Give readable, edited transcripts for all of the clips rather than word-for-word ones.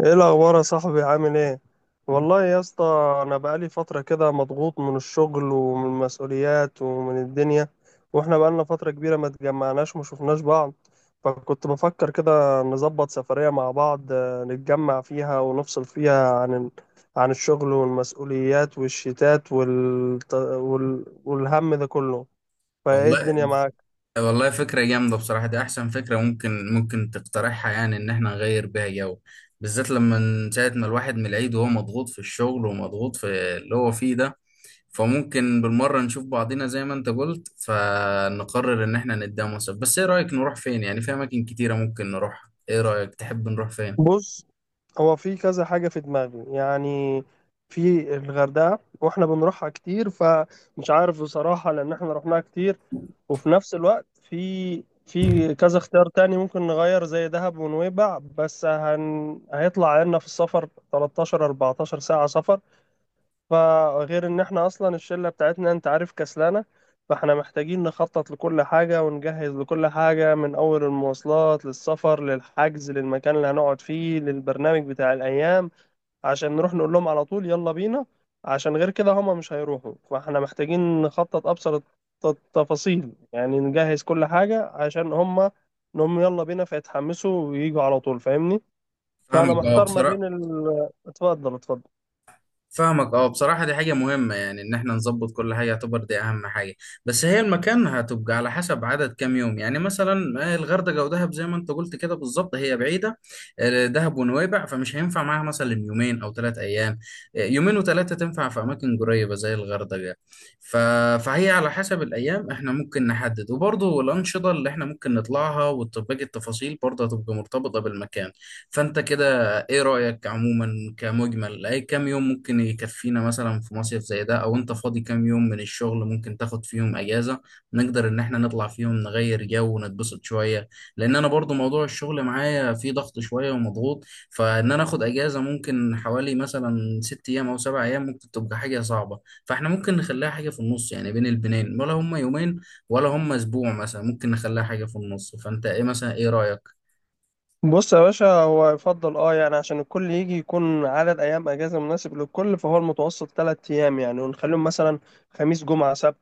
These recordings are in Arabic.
ايه الاخبار يا صاحبي؟ عامل ايه؟ والله يا اسطى، انا بقالي فتره كده مضغوط من الشغل ومن المسؤوليات ومن الدنيا. واحنا بقالنا فتره كبيره ما اتجمعناش وما شفناش بعض. فكنت بفكر كده نظبط سفريه مع بعض، نتجمع فيها ونفصل فيها عن الشغل والمسؤوليات والشتات والهم ده كله. فايه الدنيا والله معاك؟ والله فكرة جامدة بصراحة. دي أحسن فكرة ممكن تقترحها، يعني إن إحنا نغير بيها جو، بالذات لما من ساعة ما الواحد من العيد وهو مضغوط في الشغل ومضغوط في اللي هو فيه ده. فممكن بالمرة نشوف بعضينا زي ما أنت قلت، فنقرر إن إحنا نتداوم سوا. بس إيه رأيك نروح فين؟ يعني في أماكن كتيرة ممكن نروح، إيه رأيك تحب نروح فين؟ بص، هو في كذا حاجة في دماغي يعني. في الغردقة واحنا بنروحها كتير، فمش عارف بصراحة لأن احنا رحناها كتير. وفي نفس الوقت في كذا اختيار تاني ممكن نغير، زي دهب ونويبع، بس هيطلع عنا في السفر 13 14 ساعة سفر. فغير ان احنا اصلا الشله بتاعتنا انت عارف كسلانه. فاحنا محتاجين نخطط لكل حاجه ونجهز لكل حاجه، من اول المواصلات للسفر للحجز للمكان اللي هنقعد فيه للبرنامج بتاع الايام، عشان نروح نقول لهم على طول يلا بينا. عشان غير كده هما مش هيروحوا، فاحنا محتاجين نخطط ابسط التفاصيل يعني، نجهز كل حاجه عشان هما انهم يلا بينا فيتحمسوا ويجوا على طول، فاهمني؟ فانا فاهمك أه محتار ما بصراحة. بين اتفضل اتفضل. فاهمك اه بصراحة، دي حاجة مهمة يعني ان احنا نظبط كل حاجة، يعتبر دي اهم حاجة. بس هي المكان هتبقى على حسب عدد كام يوم. يعني مثلا الغردقة ودهب زي ما انت قلت كده بالظبط هي بعيدة. دهب ونويبع فمش هينفع معاها مثلا يومين او ثلاث ايام. يومين وثلاثة تنفع في اماكن قريبة زي الغردقة. ف... فهي على حسب الايام احنا ممكن نحدد، وبرضه الانشطة اللي احنا ممكن نطلعها وباقي التفاصيل برضه هتبقى مرتبطة بالمكان. فانت كده، ايه رأيك عموما كمجمل، اي كام يوم ممكن يكفينا مثلا في مصيف زي ده؟ او انت فاضي كام يوم من الشغل ممكن تاخد فيهم اجازة نقدر ان احنا نطلع فيهم نغير جو ونتبسط شوية؟ لان انا برضو موضوع الشغل معايا فيه ضغط شوية ومضغوط. فان انا اخد اجازة ممكن حوالي مثلا ست ايام او سبع ايام ممكن تبقى حاجة صعبة، فاحنا ممكن نخليها حاجة في النص، يعني بين البنين، ولا هم يومين، ولا هم اسبوع مثلا ممكن نخليها حاجة في النص. فانت ايه مثلا، ايه رأيك؟ بص يا باشا، هو يفضل اه يعني عشان الكل يجي يكون عدد ايام اجازه مناسب للكل، فهو المتوسط ثلاث ايام يعني، ونخليهم مثلا خميس جمعه سبت،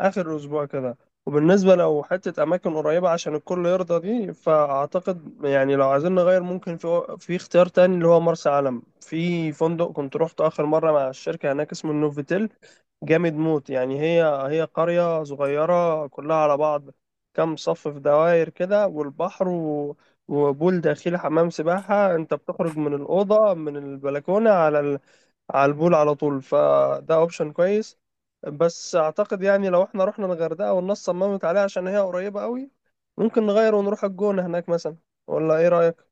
اخر اسبوع كده. وبالنسبه لو حته اماكن قريبه عشان الكل يرضى دي، فاعتقد يعني لو عايزين نغير ممكن في اختيار تاني، اللي هو مرسى علم، في فندق كنت روحته اخر مره مع الشركه هناك اسمه النوفيتيل. جامد موت يعني، هي قرية صغيرة كلها على بعض، كام صف في دوائر كده والبحر، وبول داخلي حمام سباحة، انت بتخرج من الأوضة من البلكونة على البول على طول. فده اوبشن كويس. بس اعتقد يعني لو احنا رحنا الغردقة والناس صممت عليها عشان هي قريبة قوي، ممكن نغير ونروح الجونة هناك مثلا. ولا ايه رأيك؟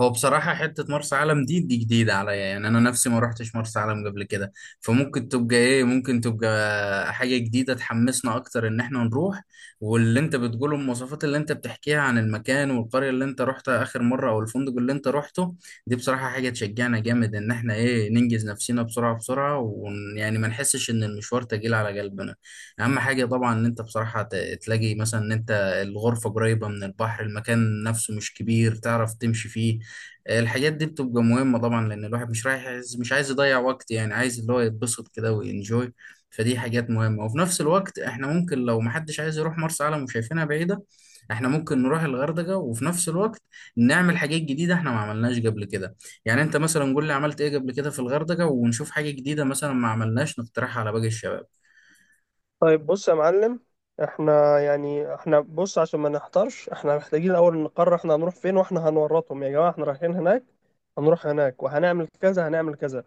هو بصراحة حتة مرسى علم دي جديدة عليا، يعني أنا نفسي ما روحتش مرسى علم قبل كده. فممكن تبقى إيه، ممكن تبقى حاجة جديدة تحمسنا أكتر إن إحنا نروح. واللي أنت بتقوله، المواصفات اللي أنت بتحكيها عن المكان والقرية اللي أنت روحتها آخر مرة أو الفندق اللي أنت روحته، دي بصراحة حاجة تشجعنا جامد إن إحنا إيه ننجز نفسنا بسرعة بسرعة، ويعني ما نحسش إن المشوار تقيل على قلبنا. أهم حاجة طبعا إن أنت بصراحة تلاقي مثلا إن أنت الغرفة قريبة من البحر، المكان نفسه مش كبير تعرف تمشي فيه. الحاجات دي بتبقى مهمة طبعا، لأن الواحد مش رايح عايز، مش عايز يضيع وقت، يعني عايز اللي هو يتبسط كده وينجوي. فدي حاجات مهمة، وفي نفس الوقت احنا ممكن لو محدش عايز يروح مرسى علم وشايفينها بعيدة، احنا ممكن نروح الغردقة، وفي نفس الوقت نعمل حاجات جديدة احنا ما عملناش قبل كده. يعني انت مثلا قول لي عملت ايه قبل كده في الغردقة ونشوف حاجة جديدة مثلا ما عملناش نقترحها على باقي الشباب. طيب بص يا معلم. احنا يعني، احنا بص، عشان ما نحتارش احنا محتاجين الاول نقرر احنا هنروح فين، واحنا هنورطهم يا جماعة احنا رايحين هناك، هنروح هناك وهنعمل كذا هنعمل كذا.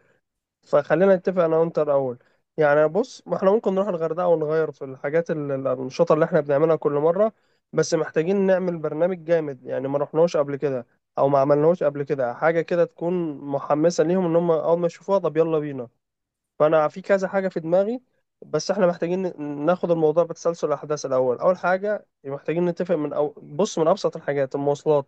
فخلينا نتفق انا وانت الاول. يعني بص، ما احنا ممكن نروح الغردقه ونغير في الحاجات الانشطه اللي احنا بنعملها كل مره. بس محتاجين نعمل برنامج جامد يعني، ما رحناش قبل كده او ما عملناهوش قبل كده، حاجه كده تكون محمسه ليهم ان هم اول ما يشوفوها طب يلا بينا. فانا في كذا حاجه في دماغي. بس احنا محتاجين ناخد الموضوع بتسلسل الاحداث. الاول اول حاجه محتاجين نتفق من، أو بص، من ابسط الحاجات المواصلات.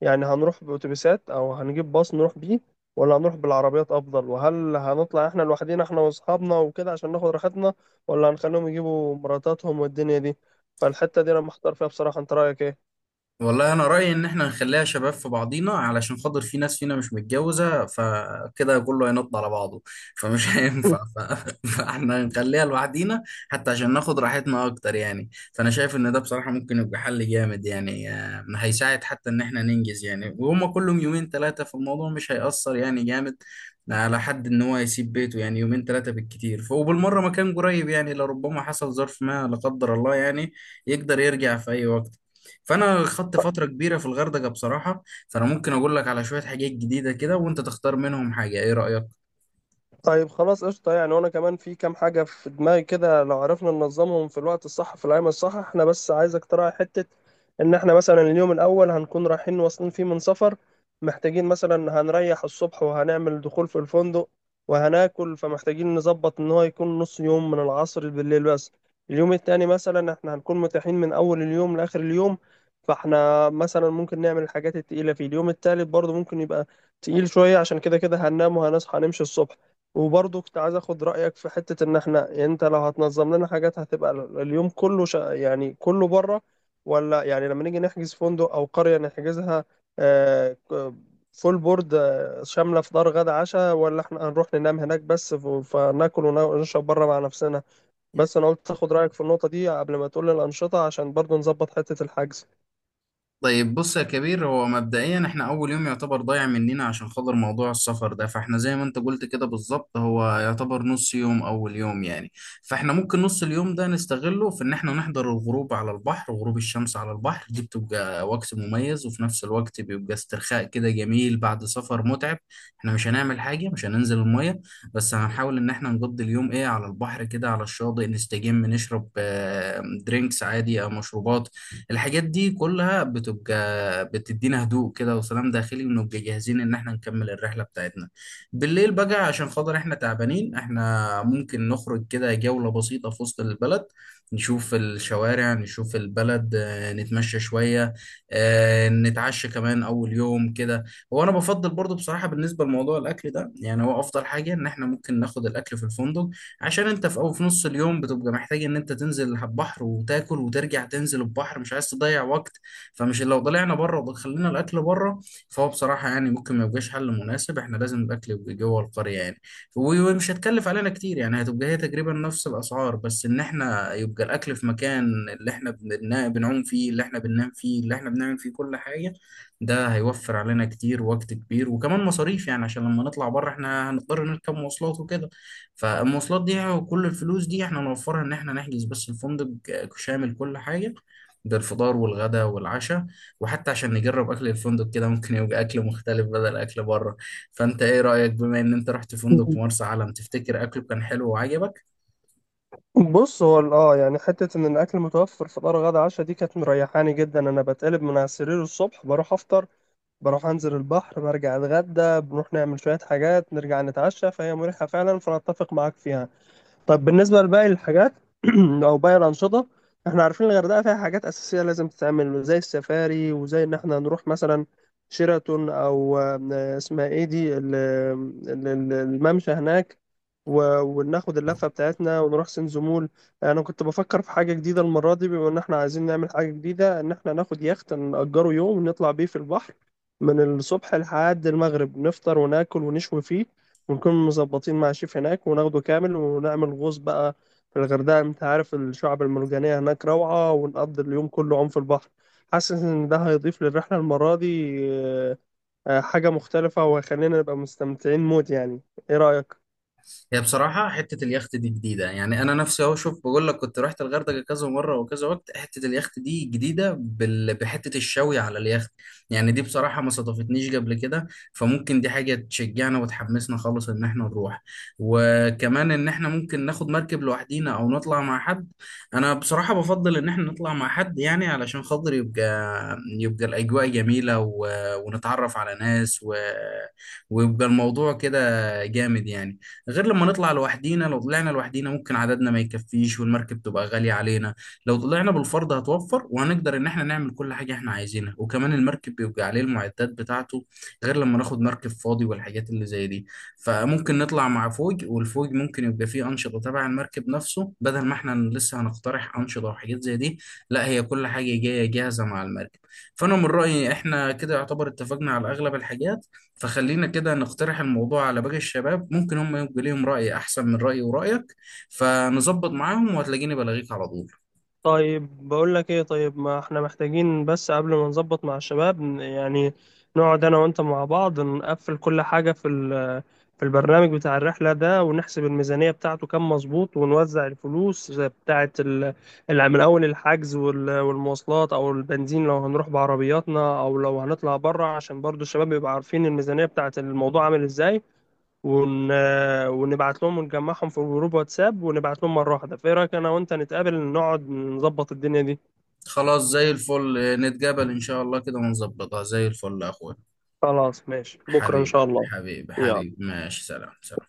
يعني هنروح بأتوبيسات أو هنجيب باص نروح بيه، ولا هنروح بالعربيات أفضل؟ وهل هنطلع إحنا لوحدينا إحنا وأصحابنا وكده عشان ناخد راحتنا، ولا هنخليهم يجيبوا مراتاتهم والدنيا دي؟ فالحتة دي أنا محتار فيها بصراحة، أنت رأيك إيه؟ والله انا رايي ان احنا نخليها شباب في بعضينا، علشان خاطر في ناس فينا مش متجوزه، فكده كله هينط على بعضه. فمش هينفع فاحنا نخليها لوحدينا، حتى عشان ناخد راحتنا اكتر. يعني فانا شايف ان ده بصراحه ممكن يبقى حل جامد، يعني هيساعد حتى ان احنا ننجز، يعني وهما كلهم يومين ثلاثه فالموضوع مش هيأثر يعني جامد على حد ان هو يسيب بيته، يعني يومين ثلاثه بالكتير. وبالمره مكان قريب، يعني لربما حصل ظرف، ما لا قدر الله، يعني يقدر يرجع في اي وقت. فانا خدت فتره كبيره في الغردقه بصراحه، فانا ممكن اقول لك على شويه حاجات جديده كده وانت تختار منهم حاجه. ايه رايك؟ طيب خلاص قشطة يعني. وأنا كمان في كام حاجة في دماغي كده، لو عرفنا ننظمهم في الوقت الصح في الأيام الصح. احنا بس عايز اقتراح حتة إن احنا مثلا اليوم الأول هنكون رايحين واصلين فيه من سفر، محتاجين مثلا هنريح الصبح وهنعمل دخول في الفندق وهناكل، فمحتاجين نظبط إن هو يكون نص يوم من العصر بالليل بس. اليوم التاني مثلا احنا هنكون متاحين من أول اليوم لآخر اليوم، فاحنا مثلا ممكن نعمل الحاجات التقيلة فيه. اليوم التالت برضه ممكن يبقى تقيل شوية عشان كده كده هننام وهنصحى نمشي الصبح. وبرضه كنت عايز اخد رايك في حته، ان احنا يعني انت لو هتنظم لنا حاجات هتبقى اليوم كله يعني كله بره، ولا يعني لما نيجي نحجز فندق او قريه نحجزها آه، ك- فول بورد، شامله فطار غدا عشاء، ولا احنا هنروح ننام هناك بس فناكل ونشرب بره مع نفسنا؟ بس انا قلت اخد رايك في النقطه دي قبل ما تقول لي الانشطه عشان برضه نظبط حته الحجز. طيب بص يا كبير، هو مبدئيا احنا اول يوم يعتبر ضايع مننا عشان خاطر موضوع السفر ده، فاحنا زي ما انت قلت كده بالظبط هو يعتبر نص يوم اول يوم يعني. فاحنا ممكن نص اليوم ده نستغله في ان احنا نحضر الغروب على البحر، وغروب الشمس على البحر دي بتبقى وقت مميز، وفي نفس الوقت بيبقى استرخاء كده جميل بعد سفر متعب. احنا مش هنعمل حاجة، مش هننزل المية، بس هنحاول ان احنا نقضي اليوم ايه على البحر كده، على الشاطئ، نستجم، نشرب درينكس عادي او مشروبات. الحاجات دي كلها بتبقى بتدينا هدوء كده وسلام داخلي، ونبقى جاهزين ان احنا نكمل الرحلة بتاعتنا. بالليل بقى عشان خاطر احنا تعبانين، احنا ممكن نخرج كده جولة بسيطة في وسط البلد، نشوف الشوارع، نشوف البلد، نتمشى شوية، نتعشى كمان أول يوم كده. هو أنا بفضل برضو بصراحة بالنسبة لموضوع الأكل ده، يعني هو أفضل حاجة إن إحنا ممكن ناخد الأكل في الفندق، عشان انت في نص اليوم بتبقى محتاج ان انت تنزل على البحر وتاكل وترجع تنزل البحر، مش عايز تضيع وقت. فمش لو طلعنا بره ودخلنا الاكل بره، فهو بصراحه يعني ممكن ما يبقاش حل مناسب. احنا لازم الاكل يبقى جوه القريه يعني، ومش هتكلف علينا كتير، يعني هتبقى هي تقريبا نفس الاسعار، بس ان احنا يبقى الاكل في مكان اللي احنا بنعوم فيه، اللي احنا بننام فيه، اللي احنا بنعمل فيه كل حاجه. ده هيوفر علينا كتير وقت كبير وكمان مصاريف، يعني عشان لما نطلع بره احنا هنضطر نركب مواصلات وكده. فالمواصلات دي وكل الفلوس دي احنا نوفرها ان احنا نحجز بس الفندق شامل كل حاجة، بالفطار والغداء والعشاء. وحتى عشان نجرب اكل الفندق كده ممكن يبقى اكل مختلف بدل اكل بره. فانت ايه رأيك، بما ان انت رحت فندق في مرسى علم، تفتكر اكله كان حلو وعجبك؟ بص، هو يعني حتة إن الأكل متوفر فطار غدا عشاء دي كانت مريحاني جدا. أنا بتقلب من على السرير الصبح بروح أفطر، بروح انزل البحر برجع اتغدى، بنروح نعمل شوية حاجات نرجع نتعشى، فهي مريحة فعلا، فانا اتفق معاك فيها. طب بالنسبة لباقي الحاجات أو باقي الأنشطة، إحنا عارفين الغردقة فيها حاجات أساسية لازم تتعمل زي السفاري، وزي إن إحنا نروح مثلا شيراتون، أو اسمها إيه دي الممشى هناك، وناخد اللفة بتاعتنا ونروح سنزمول. أنا كنت بفكر في حاجة جديدة المرة دي، بما إن إحنا عايزين نعمل حاجة جديدة، إن إحنا ناخد يخت نأجره يوم ونطلع بيه في البحر من الصبح لحد المغرب. نفطر وناكل ونشوي فيه، ونكون مظبطين مع شيف هناك وناخده كامل، ونعمل غوص بقى في الغردقة. انت عارف الشعب المرجانية هناك روعة، ونقضي اليوم كله عم في البحر. حاسس ان ده هيضيف للرحلة المرة دي حاجة مختلفة، وهيخلينا نبقى مستمتعين موت يعني. ايه رأيك؟ هي بصراحة حتة اليخت دي جديدة، يعني أنا نفسي أهو. شوف بقول لك، كنت رحت الغردقة كذا مرة وكذا وقت، حتة اليخت دي جديدة بحتة الشوي على اليخت، يعني دي بصراحة ما صادفتنيش قبل كده. فممكن دي حاجة تشجعنا وتحمسنا خالص إن إحنا نروح. وكمان إن إحنا ممكن ناخد مركب لوحدينا أو نطلع مع حد. أنا بصراحة بفضل إن إحنا نطلع مع حد، يعني علشان خاطر يبقى الأجواء جميلة، ونتعرف على ناس، ويبقى الموضوع كده جامد يعني. غير لما نطلع لوحدينا، لو طلعنا لوحدينا ممكن عددنا ما يكفيش والمركب تبقى غالية علينا. لو طلعنا بالفرد هتوفر وهنقدر ان احنا نعمل كل حاجة احنا عايزينها، وكمان المركب بيبقى عليه المعدات بتاعته، غير لما ناخد مركب فاضي والحاجات اللي زي دي. فممكن نطلع مع فوج، والفوج ممكن يبقى فيه أنشطة تبع المركب نفسه بدل ما احنا لسه هنقترح أنشطة وحاجات زي دي. لا، هي كل حاجة جاية جاهزة مع المركب. فأنا من رأيي احنا كده يعتبر اتفقنا على أغلب الحاجات، فخلينا كده نقترح الموضوع على باقي الشباب، ممكن هم يبقى ليهم رأي أحسن من رأيي ورأيك، فنظبط معاهم وهتلاقيني بلاغيك على طول. طيب بقول لك ايه، طيب ما احنا محتاجين بس قبل ما نظبط مع الشباب، يعني نقعد انا وانت مع بعض نقفل كل حاجة في البرنامج بتاع الرحلة ده، ونحسب الميزانية بتاعته كام مظبوط ونوزع الفلوس زي بتاعة من أول الحجز والمواصلات أو البنزين لو هنروح بعربياتنا أو لو هنطلع بره، عشان برضو الشباب يبقى عارفين الميزانية بتاعة الموضوع عامل إزاي. ون... ونبعت لهم ونجمعهم في جروب واتساب ونبعت لهم مرة واحدة. فإيه رأيك أنا وأنت نتقابل نقعد نظبط الدنيا دي؟ خلاص زي الفل، نتقابل إن شاء الله كده ونظبطها زي الفل يا أخويا. خلاص ماشي بكرة إن حبيبي شاء الله. حبيبي يلا. حبيبي، ماشي، سلام سلام.